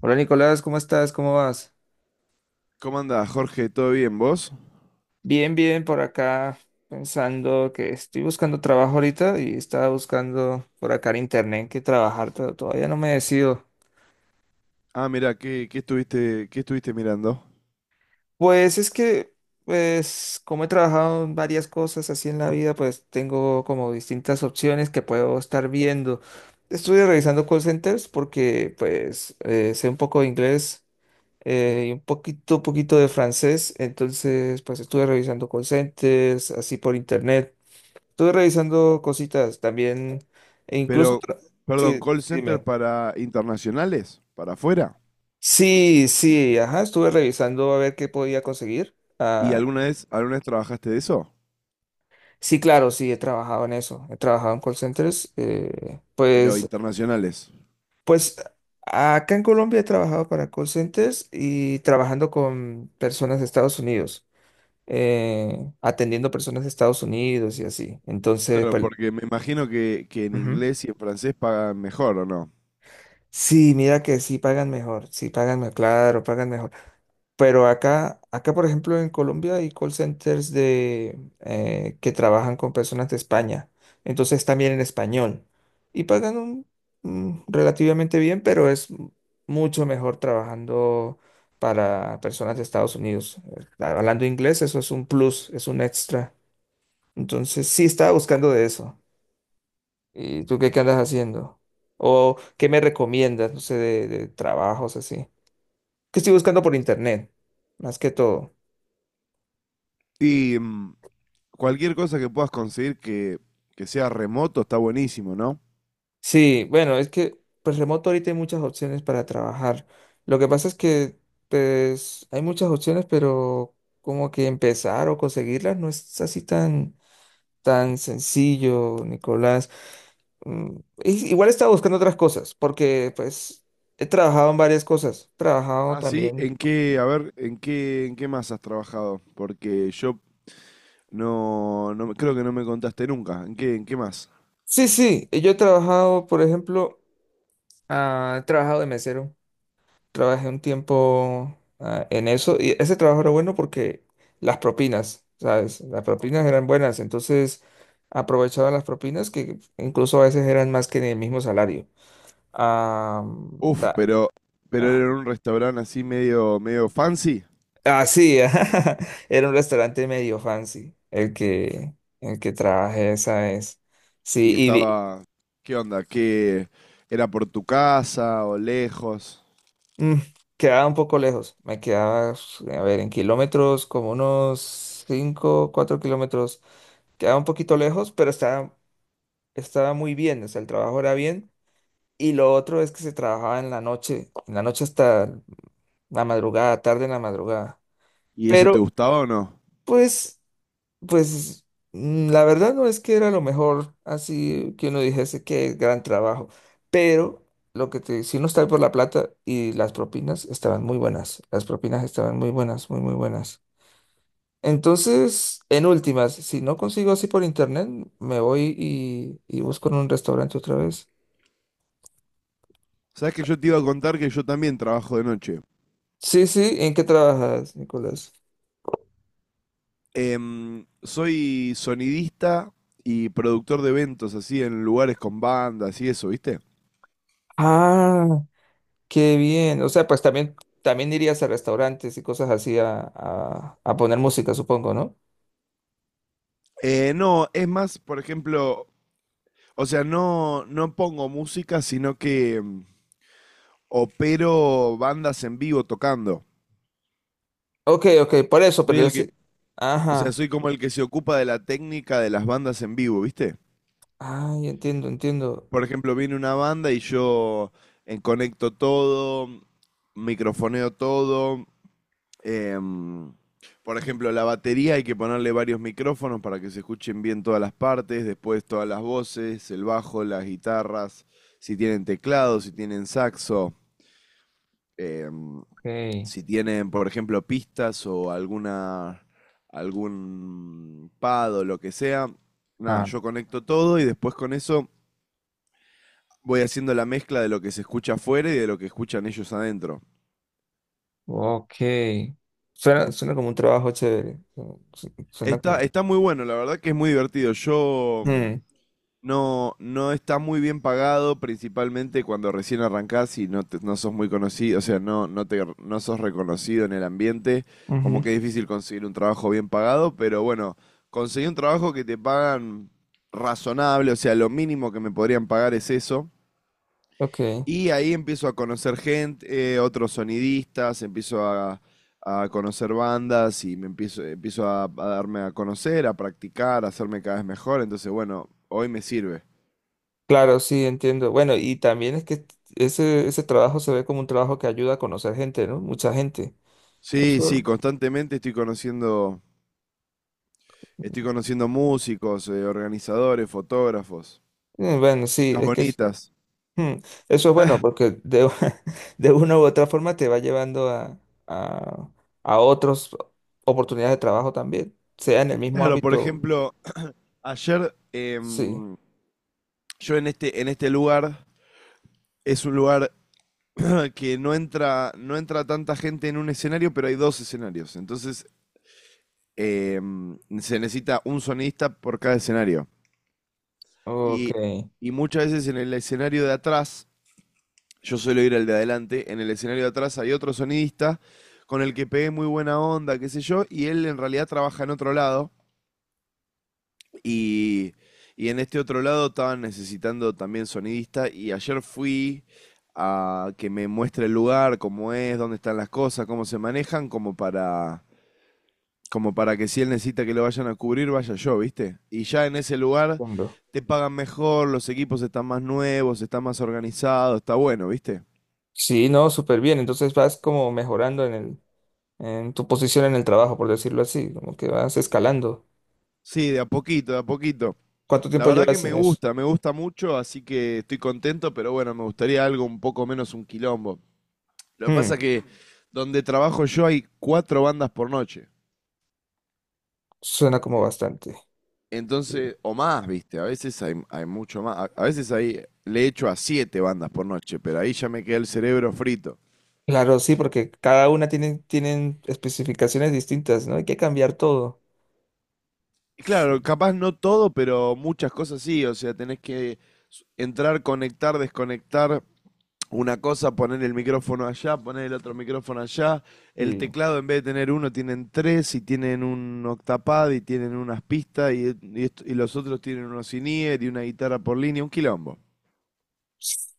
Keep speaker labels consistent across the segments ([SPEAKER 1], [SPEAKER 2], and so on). [SPEAKER 1] Hola Nicolás, ¿cómo estás? ¿Cómo vas?
[SPEAKER 2] ¿Cómo andás, Jorge? ¿Todo bien, vos?
[SPEAKER 1] Bien, bien, por acá pensando que estoy buscando trabajo ahorita y estaba buscando por acá en internet que trabajar, pero todavía no me decido.
[SPEAKER 2] Ah, mira, ¿qué estuviste mirando?
[SPEAKER 1] Pues es que, como he trabajado en varias cosas así en la vida, pues tengo como distintas opciones que puedo estar viendo. Estuve revisando call centers porque sé un poco de inglés y un poquito de francés, entonces pues estuve revisando call centers así por internet. Estuve revisando cositas también, e incluso,
[SPEAKER 2] Pero, Perdón,
[SPEAKER 1] sí,
[SPEAKER 2] call
[SPEAKER 1] sí,
[SPEAKER 2] center
[SPEAKER 1] dime.
[SPEAKER 2] para internacionales, para afuera.
[SPEAKER 1] Sí, sí, ajá, estuve revisando a ver qué podía conseguir.
[SPEAKER 2] ¿Y
[SPEAKER 1] Ah,
[SPEAKER 2] alguna vez trabajaste de eso?
[SPEAKER 1] sí, claro, sí, he trabajado en eso, he trabajado en call centers. eh,
[SPEAKER 2] Pero
[SPEAKER 1] pues,
[SPEAKER 2] internacionales.
[SPEAKER 1] pues acá en Colombia he trabajado para call centers y trabajando con personas de Estados Unidos, atendiendo personas de Estados Unidos y así. Entonces,
[SPEAKER 2] Claro,
[SPEAKER 1] pues,
[SPEAKER 2] porque me imagino que en
[SPEAKER 1] ujú.
[SPEAKER 2] inglés y en francés pagan mejor, ¿o no?
[SPEAKER 1] Sí, mira que sí pagan mejor, claro, pagan mejor. Pero acá, por ejemplo, en Colombia hay call centers que trabajan con personas de España. Entonces también en español. Y pagan un relativamente bien, pero mucho mejor trabajando para personas de Estados Unidos. Hablando inglés, eso es un plus, es un extra. Entonces sí estaba buscando de eso. ¿Y tú qué andas haciendo? ¿O qué me recomiendas, no sé, de trabajos así? Que estoy buscando por internet, más que todo.
[SPEAKER 2] Y cualquier cosa que puedas conseguir que sea remoto está buenísimo, ¿no?
[SPEAKER 1] Sí, bueno, es que pues remoto ahorita hay muchas opciones para trabajar. Lo que pasa es que pues hay muchas opciones, pero como que empezar o conseguirlas no es así tan sencillo, Nicolás. Mm, Igual estaba buscando otras cosas, porque pues he trabajado en varias cosas. He trabajado
[SPEAKER 2] Ah, sí,
[SPEAKER 1] también.
[SPEAKER 2] ¿en qué, a ver, en qué más has trabajado? Porque yo creo que no me contaste nunca. En qué más?
[SPEAKER 1] Sí, sí, yo he trabajado, por ejemplo, he trabajado de mesero. Trabajé un tiempo en eso y ese trabajo era bueno porque las propinas, ¿sabes? Las propinas eran buenas, entonces aprovechaban las propinas que incluso a veces eran más que en el mismo salario. Ah,
[SPEAKER 2] Uf,
[SPEAKER 1] ta-
[SPEAKER 2] pero era
[SPEAKER 1] ah,
[SPEAKER 2] en un restaurante así medio, medio fancy
[SPEAKER 1] sí, ajá, era un restaurante medio fancy el que trabajé esa vez. Sí,
[SPEAKER 2] y
[SPEAKER 1] y vi-
[SPEAKER 2] estaba, ¿qué onda? ¿Qué era por tu casa o lejos?
[SPEAKER 1] mm, quedaba un poco lejos, me quedaba, a ver, en kilómetros como unos 5 4 kilómetros. Quedaba un poquito lejos, pero estaba muy bien, o sea, el trabajo era bien. Y lo otro es que se trabajaba en la noche hasta la madrugada, tarde en la madrugada.
[SPEAKER 2] ¿Y eso te
[SPEAKER 1] Pero,
[SPEAKER 2] gustaba o no?
[SPEAKER 1] pues, pues, la verdad no es que era lo mejor, así que uno dijese que gran trabajo. Pero lo que te, si uno está por la plata y las propinas estaban muy buenas, las propinas estaban muy buenas, muy, muy buenas. Entonces, en últimas, si no consigo así por internet, me voy y busco en un restaurante otra vez.
[SPEAKER 2] Sabes que yo te iba a contar que yo también trabajo de noche.
[SPEAKER 1] Sí, sí, ¿en qué trabajas, Nicolás?
[SPEAKER 2] Soy sonidista y productor de eventos así en lugares con bandas y eso, ¿viste?
[SPEAKER 1] Ah, qué bien. O sea, pues también, también irías a restaurantes y cosas así a poner música, supongo, ¿no?
[SPEAKER 2] No, es más, por ejemplo, o sea, no pongo música, sino que opero bandas en vivo tocando.
[SPEAKER 1] Ok, ok, por eso,
[SPEAKER 2] Soy
[SPEAKER 1] pero yo
[SPEAKER 2] el que,
[SPEAKER 1] sí.
[SPEAKER 2] o sea,
[SPEAKER 1] Ajá.
[SPEAKER 2] soy como el que se ocupa de la técnica de las bandas en vivo, ¿viste?
[SPEAKER 1] Ay, entiendo, entiendo.
[SPEAKER 2] Por ejemplo, viene una banda y yo conecto todo, microfoneo todo. em, por ejemplo, la batería hay que ponerle varios micrófonos para que se escuchen bien todas las partes, después todas las voces, el bajo, las guitarras, si tienen teclado, si tienen saxo. eh,
[SPEAKER 1] Ok.
[SPEAKER 2] si tienen, por ejemplo, pistas algún pad o lo que sea, nada,
[SPEAKER 1] Ah,
[SPEAKER 2] yo conecto todo y después con eso voy haciendo la mezcla de lo que se escucha afuera y de lo que escuchan ellos adentro.
[SPEAKER 1] ok. Suena, suena como un trabajo chévere. Suena como.
[SPEAKER 2] Está muy bueno, la verdad que es muy divertido. Yo
[SPEAKER 1] Mm,
[SPEAKER 2] no, no está muy bien pagado, principalmente cuando recién arrancás y no sos muy conocido, o sea, no sos reconocido en el ambiente, como
[SPEAKER 1] ujú,
[SPEAKER 2] que es difícil conseguir un trabajo bien pagado, pero bueno, conseguí un trabajo que te pagan razonable, o sea, lo mínimo que me podrían pagar es eso,
[SPEAKER 1] ok.
[SPEAKER 2] y ahí empiezo a conocer gente, otros sonidistas, a conocer bandas y me empiezo, empiezo a darme a conocer, a practicar, a hacerme cada vez mejor, entonces bueno, hoy me sirve.
[SPEAKER 1] Claro, sí, entiendo. Bueno, y también es que ese trabajo se ve como un trabajo que ayuda a conocer gente, ¿no? Mucha gente.
[SPEAKER 2] Sí,
[SPEAKER 1] Eso,
[SPEAKER 2] sí, estoy conociendo músicos, organizadores, fotógrafos,
[SPEAKER 1] bueno, sí,
[SPEAKER 2] chicas
[SPEAKER 1] es que es-
[SPEAKER 2] bonitas.
[SPEAKER 1] hmm, eso es bueno porque de una u otra forma te va llevando a, a otras oportunidades de trabajo también, sea en el mismo
[SPEAKER 2] Claro, por
[SPEAKER 1] ámbito.
[SPEAKER 2] ejemplo, ayer
[SPEAKER 1] Sí,
[SPEAKER 2] yo en este lugar, es un lugar que no entra, no entra tanta gente en un escenario, pero hay dos escenarios. Entonces, se necesita un sonidista por cada escenario.
[SPEAKER 1] ok,
[SPEAKER 2] Y, y muchas veces en el escenario de atrás yo suelo ir al de adelante, en el escenario de atrás hay otro sonidista con el que pegué muy buena onda, qué sé yo, y él en realidad trabaja en otro lado y, y en este otro lado estaban necesitando también sonidista y ayer fui a que me muestre el lugar, cómo es, dónde están las cosas, cómo se manejan, como para que si él necesita que lo vayan a cubrir, vaya yo, ¿viste? Y ya en ese lugar
[SPEAKER 1] entiendo.
[SPEAKER 2] te pagan mejor, los equipos están más nuevos, están más organizados, está bueno, ¿viste?
[SPEAKER 1] Sí, no, súper bien. Entonces vas como mejorando en en tu posición en el trabajo, por decirlo así, como que vas escalando.
[SPEAKER 2] Sí, de a poquito, de a poquito.
[SPEAKER 1] ¿Cuánto
[SPEAKER 2] La
[SPEAKER 1] tiempo
[SPEAKER 2] verdad que
[SPEAKER 1] llevas en eso?
[SPEAKER 2] me gusta mucho, así que estoy contento, pero bueno, me gustaría algo un poco menos un quilombo. Lo que pasa
[SPEAKER 1] Hmm.
[SPEAKER 2] que donde trabajo yo hay cuatro bandas por noche.
[SPEAKER 1] Suena como
[SPEAKER 2] En-
[SPEAKER 1] bastante. Sí.
[SPEAKER 2] Entonces, o más, viste, a veces hay mucho más. A veces ahí le echo a siete bandas por noche, pero ahí ya me queda el cerebro frito.
[SPEAKER 1] Claro, sí, porque cada una tiene, tienen especificaciones distintas, ¿no? Hay que cambiar todo.
[SPEAKER 2] Y claro, capaz no todo, pero muchas cosas sí, o sea, tenés que entrar, conectar, desconectar, una cosa, poner el micrófono allá, poner el otro micrófono allá. El
[SPEAKER 1] Sí.
[SPEAKER 2] teclado, en vez de tener uno, tienen tres y tienen un octapad y tienen unas pistas y los otros tienen unos in-ear y una guitarra por línea, un quilombo.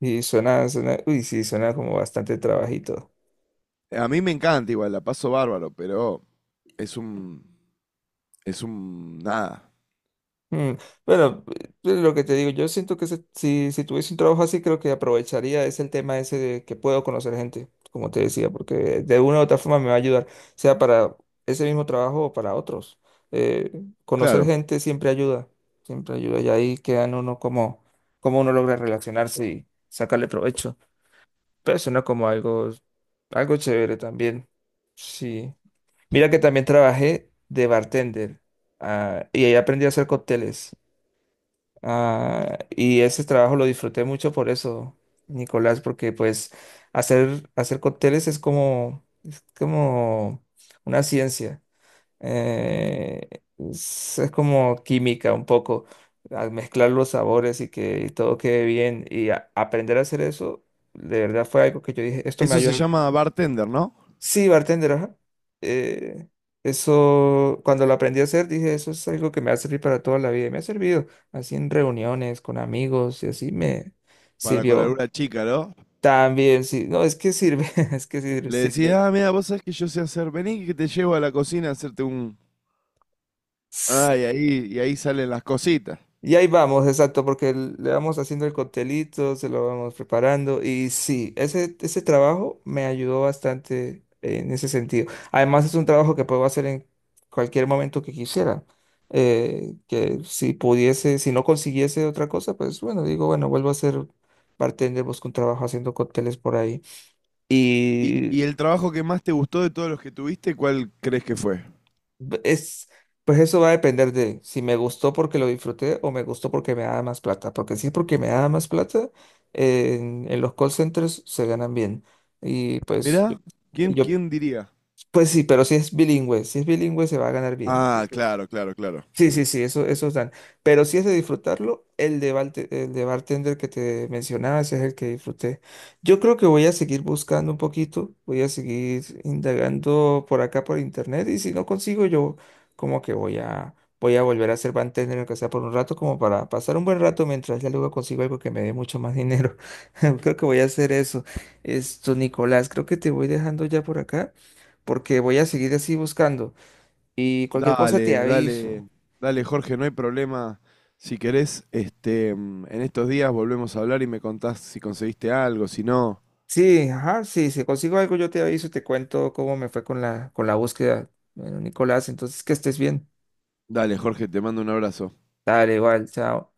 [SPEAKER 1] Sí, suena, suena, uy, sí, suena como bastante trabajito.
[SPEAKER 2] A mí me encanta igual, la paso bárbaro, pero es un... es un... nada.
[SPEAKER 1] Mm, bueno, lo que te digo, yo siento si, si tuviese un trabajo así, creo que aprovecharía es el tema ese de que puedo conocer gente, como te decía, porque de una u otra forma me va a ayudar, sea para ese mismo trabajo o para otros. Eh, Conocer
[SPEAKER 2] Claro.
[SPEAKER 1] gente siempre ayuda, y ahí quedan uno como, como uno logra relacionarse y sacarle provecho. Pero suena como algo, algo chévere también. Sí. Mira que también trabajé de bartender, y ahí aprendí a hacer cócteles. Ah, y ese trabajo lo disfruté mucho por eso, Nicolás, porque pues hacer, hacer cócteles es como una ciencia. Eh, es como química un poco, al mezclar los sabores y que todo quede bien. Aprender a hacer eso, de verdad fue algo que yo dije, esto me
[SPEAKER 2] Eso se
[SPEAKER 1] ayuda.
[SPEAKER 2] llama bartender, ¿no?
[SPEAKER 1] Sí, bartender, ajá. Eh, eso, cuando lo aprendí a hacer, dije, eso es algo que me va a servir para toda la vida. Y me ha servido así en reuniones con amigos y así me
[SPEAKER 2] Para con
[SPEAKER 1] sirvió.
[SPEAKER 2] alguna chica, ¿no?
[SPEAKER 1] También, sí, no, es que sirve, es que sirve,
[SPEAKER 2] Le
[SPEAKER 1] sirve.
[SPEAKER 2] decía, ah, mira, vos sabés que yo sé hacer, vení que te llevo a la cocina a hacerte un... Ah, y ahí salen las cositas.
[SPEAKER 1] Y ahí vamos, exacto, porque le vamos haciendo el coctelito, se lo vamos preparando. Y sí, ese trabajo me ayudó bastante en ese sentido. Además, es un trabajo que puedo hacer en cualquier momento que quisiera. Que si pudiese, si no consiguiese otra cosa, pues bueno, digo, bueno, vuelvo a ser bartender, busco un trabajo haciendo cócteles por ahí. Y
[SPEAKER 2] Y el trabajo que más te gustó de todos los que tuviste, cuál crees que fue?
[SPEAKER 1] es, pues eso va a depender de si me gustó porque lo disfruté o me gustó porque me da más plata. Porque si es porque me da más plata, en los call centers se ganan bien. Y pues yo,
[SPEAKER 2] Mirá,
[SPEAKER 1] y
[SPEAKER 2] ¿quién,
[SPEAKER 1] yo-
[SPEAKER 2] quién diría?
[SPEAKER 1] pues sí, pero si es bilingüe, si es bilingüe se va a ganar bien.
[SPEAKER 2] Ah, claro, claro, claro.
[SPEAKER 1] Sí, sí, sí, eso, esos dan. Pero si es de disfrutarlo, el de bartender que te mencionaba, ese es el que disfruté. Yo creo que voy a seguir buscando un poquito, voy a seguir indagando por acá por internet y si no consigo yo como que voy a volver a ser bartender aunque sea por un rato como para pasar un buen rato mientras ya luego consigo algo que me dé mucho más dinero. Creo que voy a hacer eso. Esto, Nicolás, creo que te voy dejando ya por acá porque voy a seguir así buscando y cualquier cosa te
[SPEAKER 2] Dale, dale,
[SPEAKER 1] aviso.
[SPEAKER 2] Dale, Jorge, no hay problema. Si querés, en estos días volvemos a hablar y me contás si conseguiste algo, si no.
[SPEAKER 1] Sí, ajá, sí, si consigo algo yo te aviso, te cuento cómo me fue con con la búsqueda. Bueno, Nicolás, entonces que estés bien.
[SPEAKER 2] Dale, Jorge, te mando un abrazo.
[SPEAKER 1] Dale, igual, chao.